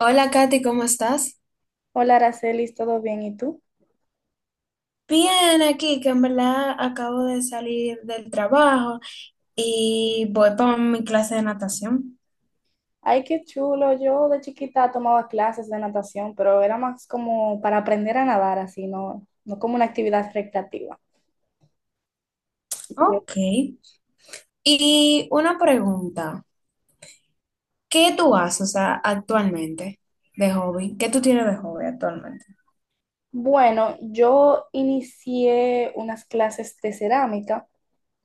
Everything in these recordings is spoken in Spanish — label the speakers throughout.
Speaker 1: Hola Katy, ¿cómo estás?
Speaker 2: Hola, Aracelis, ¿todo bien? ¿Y tú?
Speaker 1: Bien, aquí que en verdad acabo de salir del trabajo y voy para mi clase de natación.
Speaker 2: Ay, qué chulo. Yo de chiquita tomaba clases de natación, pero era más como para aprender a nadar, así, no, no como una actividad recreativa.
Speaker 1: Ok. Y una pregunta, ¿qué tú haces, o sea, actualmente de hobby? ¿Qué tú tienes de hobby actualmente?
Speaker 2: Bueno, yo inicié unas clases de cerámica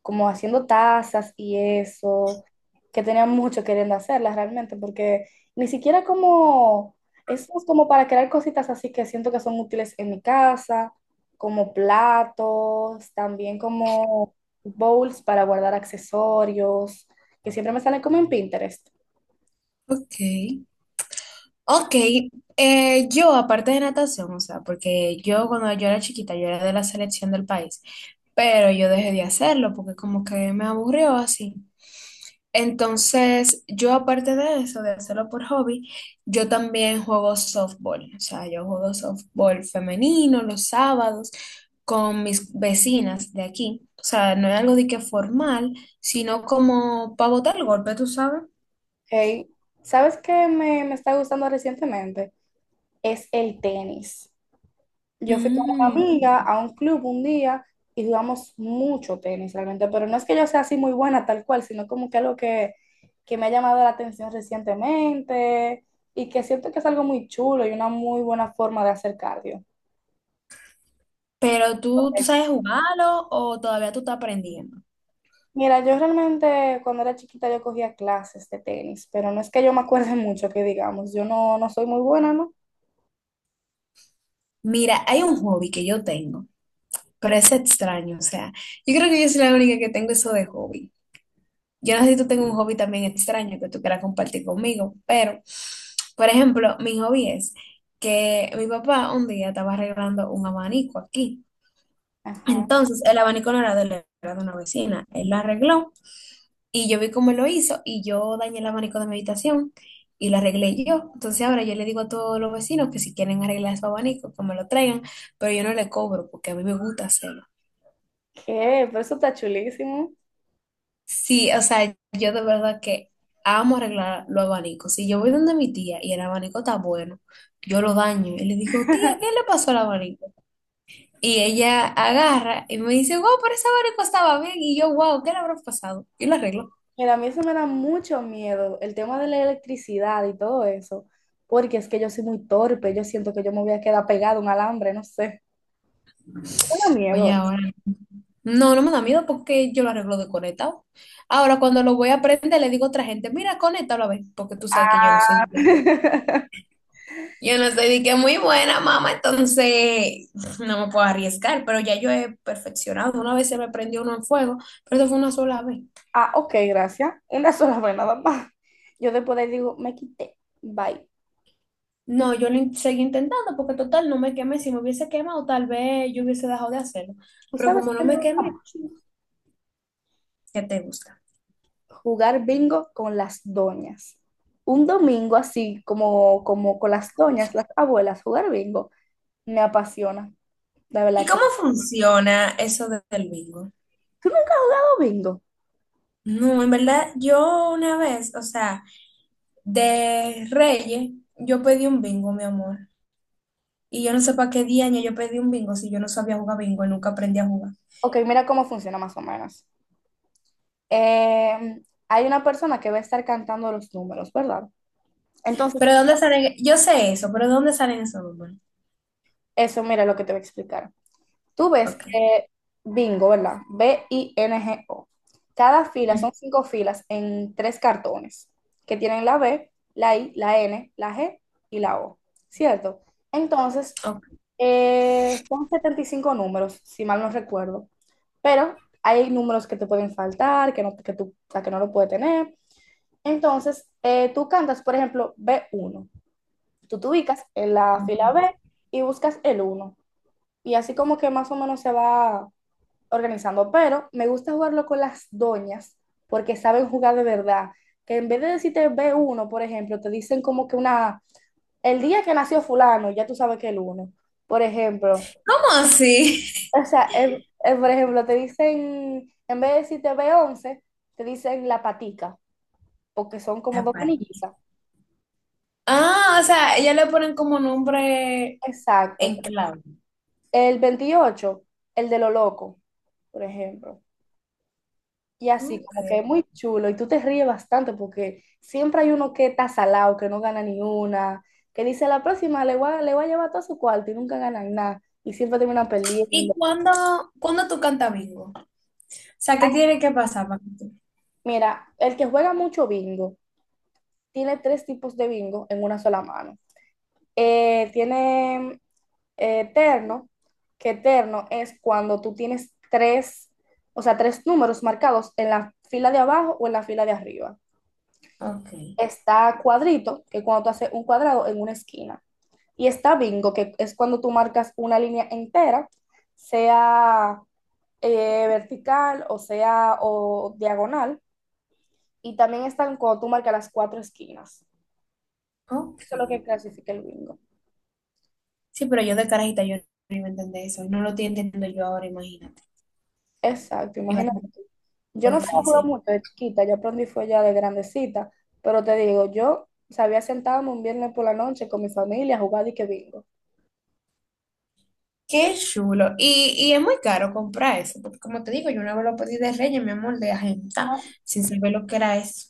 Speaker 2: como haciendo tazas y eso, que tenía mucho queriendo hacerlas realmente, porque ni siquiera como, eso es como para crear cositas así que siento que son útiles en mi casa, como platos, también como bowls para guardar accesorios, que siempre me salen como en Pinterest.
Speaker 1: Ok. Ok, yo aparte de natación, o sea, porque yo cuando yo era chiquita, yo era de la selección del país, pero yo dejé de hacerlo porque como que me aburrió así. Entonces, yo aparte de eso, de hacerlo por hobby, yo también juego softball. O sea, yo juego softball femenino los sábados con mis vecinas de aquí. O sea, no es algo de que formal, sino como para botar el golpe, tú sabes.
Speaker 2: Hey, ¿sabes qué me está gustando recientemente? Es el tenis. Yo fui con una
Speaker 1: Mm.
Speaker 2: amiga a un club un día y jugamos mucho tenis realmente, pero no es que yo sea así muy buena tal cual, sino como que algo que me ha llamado la atención recientemente y que siento que es algo muy chulo y una muy buena forma de hacer cardio.
Speaker 1: Pero tú, ¿tú
Speaker 2: Ok.
Speaker 1: sabes jugarlo o todavía tú estás aprendiendo?
Speaker 2: Mira, yo realmente cuando era chiquita yo cogía clases de tenis, pero no es que yo me acuerde mucho que digamos, yo no, no soy muy buena, ¿no?
Speaker 1: Mira, hay un hobby que yo tengo, pero es extraño. O sea, yo creo que yo soy la única que tengo eso de hobby. Yo no sé si tú tengas un hobby también extraño que tú quieras compartir conmigo, pero, por ejemplo, mi hobby es que mi papá un día estaba arreglando un abanico aquí.
Speaker 2: Ajá.
Speaker 1: Entonces, el abanico no era de él, era de una vecina. Él lo arregló y yo vi cómo él lo hizo y yo dañé el abanico de mi habitación y lo arreglé yo. Entonces, ahora yo le digo a todos los vecinos que si quieren arreglar su abanico, que me lo traigan, pero yo no le cobro porque a mí me gusta hacerlo.
Speaker 2: ¿Qué? Pero eso está chulísimo.
Speaker 1: Sí, o sea, yo de verdad que amo arreglar los abanicos. Si yo voy donde mi tía y el abanico está bueno, yo lo daño. Y le digo, tía, ¿qué le pasó al abanico? Y ella agarra y me dice, wow, pero ese abanico estaba bien. Y yo, wow, ¿qué le habrá pasado? Y lo arreglo.
Speaker 2: Mira, a mí eso me da mucho miedo, el tema de la electricidad y todo eso, porque es que yo soy muy torpe, yo siento que yo me voy a quedar pegado a un alambre, no sé. Me da miedo
Speaker 1: Oye,
Speaker 2: eso.
Speaker 1: ahora. No, no me da miedo porque yo lo arreglo de conectado. Ahora, cuando lo voy a prender, le digo a otra gente, mira, conéctalo a ver, porque tú sabes que yo
Speaker 2: Ah,
Speaker 1: no soy. Yo no estoy de que muy buena, mamá, entonces no me puedo arriesgar, pero ya yo he perfeccionado. Una vez se me prendió uno en fuego, pero eso fue una sola vez.
Speaker 2: ah, ok, gracias. Una sola vez nada más. Yo después le digo, me quité, bye.
Speaker 1: No, yo lo seguí intentando porque total no me quemé. Si me hubiese quemado, tal vez yo hubiese dejado de hacerlo.
Speaker 2: ¿Tú
Speaker 1: Pero
Speaker 2: sabes
Speaker 1: como
Speaker 2: qué
Speaker 1: no
Speaker 2: me
Speaker 1: me
Speaker 2: gusta
Speaker 1: quemé,
Speaker 2: más?
Speaker 1: ¿qué te gusta?
Speaker 2: Jugar bingo con las doñas. Un domingo así, como, como con las doñas, las abuelas, jugar bingo, me apasiona, la
Speaker 1: ¿Y
Speaker 2: verdad que...
Speaker 1: cómo funciona eso del bingo?
Speaker 2: ¿Tú nunca has jugado bingo?
Speaker 1: No, en verdad, yo una vez, o sea, de Reyes, yo pedí un bingo, mi amor. Y yo no sé para qué día yo pedí un bingo si yo no sabía jugar bingo y nunca aprendí a jugar.
Speaker 2: Ok, mira cómo funciona más o menos. Eh, Hay una persona que va a estar cantando los números, ¿verdad? Entonces,
Speaker 1: Pero ¿de ¿dónde salen? Yo sé eso, pero ¿de ¿dónde salen esos números?
Speaker 2: eso, mira lo que te voy a explicar. Tú ves
Speaker 1: Ok.
Speaker 2: que bingo, ¿verdad? BINGO. Cada fila
Speaker 1: Ujú,
Speaker 2: son cinco filas en tres cartones que tienen la B, la I, la N, la G y la O, ¿cierto? Entonces,
Speaker 1: ok.
Speaker 2: son 75 números, si mal no recuerdo, pero hay números que te pueden faltar, que no, que tú, o sea, que no lo puedes tener. Entonces, tú cantas, por ejemplo, b uno. Tú te ubicas en la fila B y buscas el uno. Y así como que más o menos se va organizando, pero me gusta jugarlo con las doñas porque saben jugar de verdad. Que en vez de decirte b uno, por ejemplo, te dicen como que una, el día que nació fulano, ya tú sabes que el 1, por ejemplo.
Speaker 1: ¿Cómo así?
Speaker 2: O sea, por ejemplo, te dicen, en vez de decirte b 11, te dicen la patica, porque son como dos
Speaker 1: Zapati.
Speaker 2: canillitas.
Speaker 1: Ah, o sea, ellas le ponen como nombre
Speaker 2: Exacto.
Speaker 1: en clave.
Speaker 2: El 28, el de lo loco, por ejemplo. Y así,
Speaker 1: Ok.
Speaker 2: como que es muy chulo y tú te ríes bastante porque siempre hay uno que está salado, que no gana ni una, que dice la próxima le voy a llevar todo su cuarto y nunca ganan nada y siempre terminan
Speaker 1: ¿Y
Speaker 2: perdiendo.
Speaker 1: cuándo, cuándo tú cantas bingo? O sea, ¿qué tiene que pasar para que tú?
Speaker 2: Mira, el que juega mucho bingo tiene tres tipos de bingo en una sola mano. Tiene terno, que terno es cuando tú tienes tres, o sea, tres números marcados en la fila de abajo o en la fila de arriba.
Speaker 1: Ok,
Speaker 2: Está cuadrito, que cuando tú haces un cuadrado en una esquina. Y está bingo, que es cuando tú marcas una línea entera, sea vertical o sea o diagonal. Y también están cuando tú marcas las cuatro esquinas.
Speaker 1: ok.
Speaker 2: Eso es lo que clasifica el bingo.
Speaker 1: Sí, pero yo de carajita yo no iba a entender eso. No lo estoy entendiendo yo ahora, imagínate.
Speaker 2: Exacto,
Speaker 1: Iba a ser
Speaker 2: imagínate.
Speaker 1: un
Speaker 2: Yo
Speaker 1: poco
Speaker 2: no sabía jugar
Speaker 1: difícil.
Speaker 2: mucho de chiquita, yo aprendí fue ya de grandecita, pero te digo, yo sabía sentarme un viernes por la noche con mi familia a jugar y que bingo.
Speaker 1: Qué chulo. Y es muy caro comprar eso, porque como te digo, yo una vez lo pedí de Reyes, mi amor, de agenda, sin saber lo que era eso.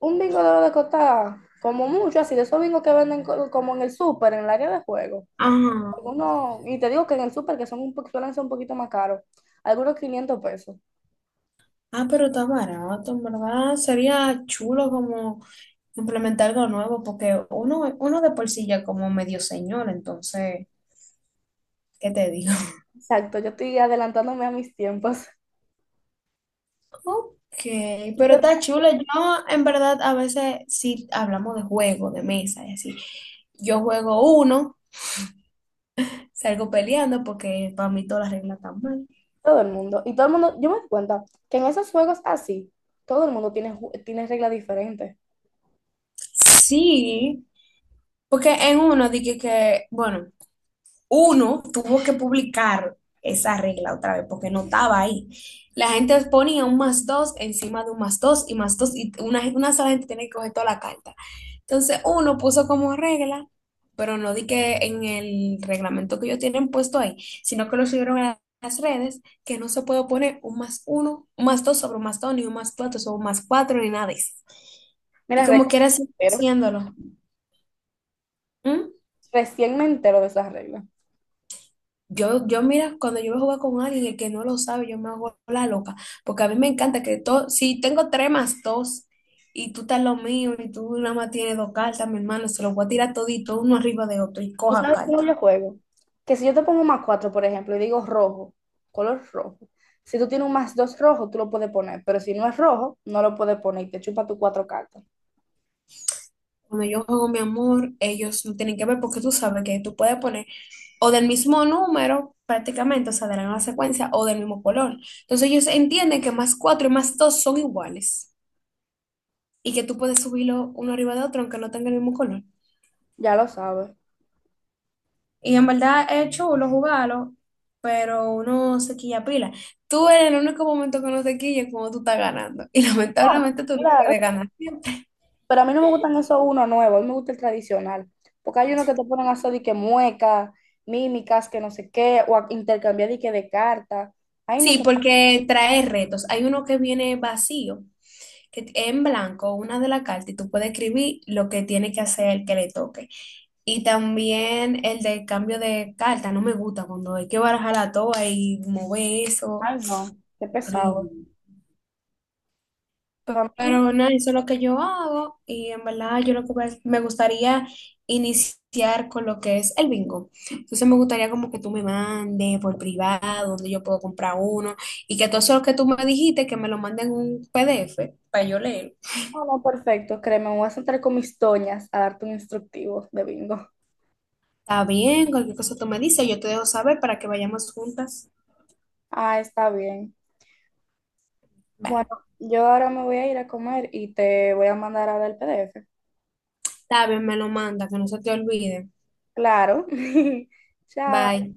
Speaker 2: Un bingo de lo de costar como mucho, así de esos bingos que venden como en el súper, en el área de juego.
Speaker 1: Ajá.
Speaker 2: Algunos, y te digo que en el súper, que son un, suelen ser un poquito más caros, algunos 500 pesos.
Speaker 1: Ah, pero está barato, en verdad. Sería chulo como implementar algo nuevo, porque uno, uno de por sí ya como medio señor, entonces, ¿qué te digo?
Speaker 2: Exacto, yo estoy adelantándome a mis tiempos.
Speaker 1: Ok,
Speaker 2: Y
Speaker 1: pero
Speaker 2: que
Speaker 1: está chulo. Yo, en verdad, a veces sí hablamos de juego, de mesa, y así. Yo juego uno, salgo peleando porque para mí todas las reglas están mal.
Speaker 2: todo el mundo, yo me doy cuenta que en esos juegos así, todo el mundo tiene, tiene reglas diferentes.
Speaker 1: Sí. Porque en uno dije que, bueno, uno tuvo que publicar esa regla otra vez porque no estaba ahí. La gente ponía un más dos encima de un más dos y una sola gente tiene que coger toda la carta. Entonces uno puso como regla, pero no di que en el reglamento que ellos tienen puesto ahí, sino que lo subieron a las redes que no se puede poner un más uno, un más dos sobre un más dos, ni un más cuatro sobre un más cuatro, ni nada de eso. Y
Speaker 2: Mira,
Speaker 1: como quiera
Speaker 2: me
Speaker 1: sigue
Speaker 2: entero,
Speaker 1: haciéndolo. ¿Mm?
Speaker 2: recién me entero de esas reglas.
Speaker 1: Yo mira, cuando yo voy a jugar con alguien, el que no lo sabe, yo me hago la loca, porque a mí me encanta que todo, si tengo tres más dos y tú estás lo mío y tú nada más tienes dos cartas, mi hermano, se los voy a tirar todito uno arriba de otro y
Speaker 2: ¿Tú
Speaker 1: coja
Speaker 2: sabes cómo yo
Speaker 1: carta.
Speaker 2: juego? Que si yo te pongo un más 4, por ejemplo, y digo rojo, color rojo, si tú tienes un más 2 rojo, tú lo puedes poner, pero si no es rojo, no lo puedes poner y te chupa tus cuatro cartas.
Speaker 1: Cuando yo juego mi amor, ellos no tienen que ver porque tú sabes que tú puedes poner o del mismo número prácticamente, o sea, de la misma secuencia o del mismo color. Entonces ellos entienden que más cuatro y más dos son iguales y que tú puedes subirlo uno arriba de otro aunque no tenga el mismo color.
Speaker 2: Ya lo sabes.
Speaker 1: Y en verdad es chulo jugarlo, pero uno se quilla pila. Tú eres el único momento que no se quilla cuando tú estás ganando. Y
Speaker 2: Ah,
Speaker 1: lamentablemente tú no puedes
Speaker 2: claro.
Speaker 1: ganar siempre.
Speaker 2: Pero a mí no me gustan esos uno nuevos, a mí me gusta el tradicional. Porque hay uno que te ponen a hacer de que mueca, mímicas, que no sé qué, o a intercambiar de que de cartas. Ay, no
Speaker 1: Sí,
Speaker 2: sé,
Speaker 1: porque trae retos. Hay uno que viene vacío, que es en blanco, una de la carta, y tú puedes escribir lo que tiene que hacer el que le toque. Y también el de cambio de carta, no me gusta cuando hay que barajar la toa y mover eso.
Speaker 2: ay, no, qué pesado.
Speaker 1: Horrible.
Speaker 2: Para mí,
Speaker 1: Pero no, eso es lo que yo hago y en verdad yo lo que me gustaría iniciar con lo que es el bingo. Entonces me gustaría como que tú me mandes por privado, donde yo puedo comprar uno y que todo eso que tú me dijiste, que me lo manden en un PDF para yo leer.
Speaker 2: no, no, perfecto, créeme, me voy a sentar con mis toñas a darte un instructivo de bingo.
Speaker 1: Está bien, cualquier cosa tú me dices, yo te dejo saber para que vayamos juntas.
Speaker 2: Ah, está bien.
Speaker 1: Bye.
Speaker 2: Bueno, yo ahora me voy a ir a comer y te voy a mandar ahora el PDF.
Speaker 1: Está bien, me lo manda, que no se te olvide.
Speaker 2: Claro. Chao.
Speaker 1: Bye.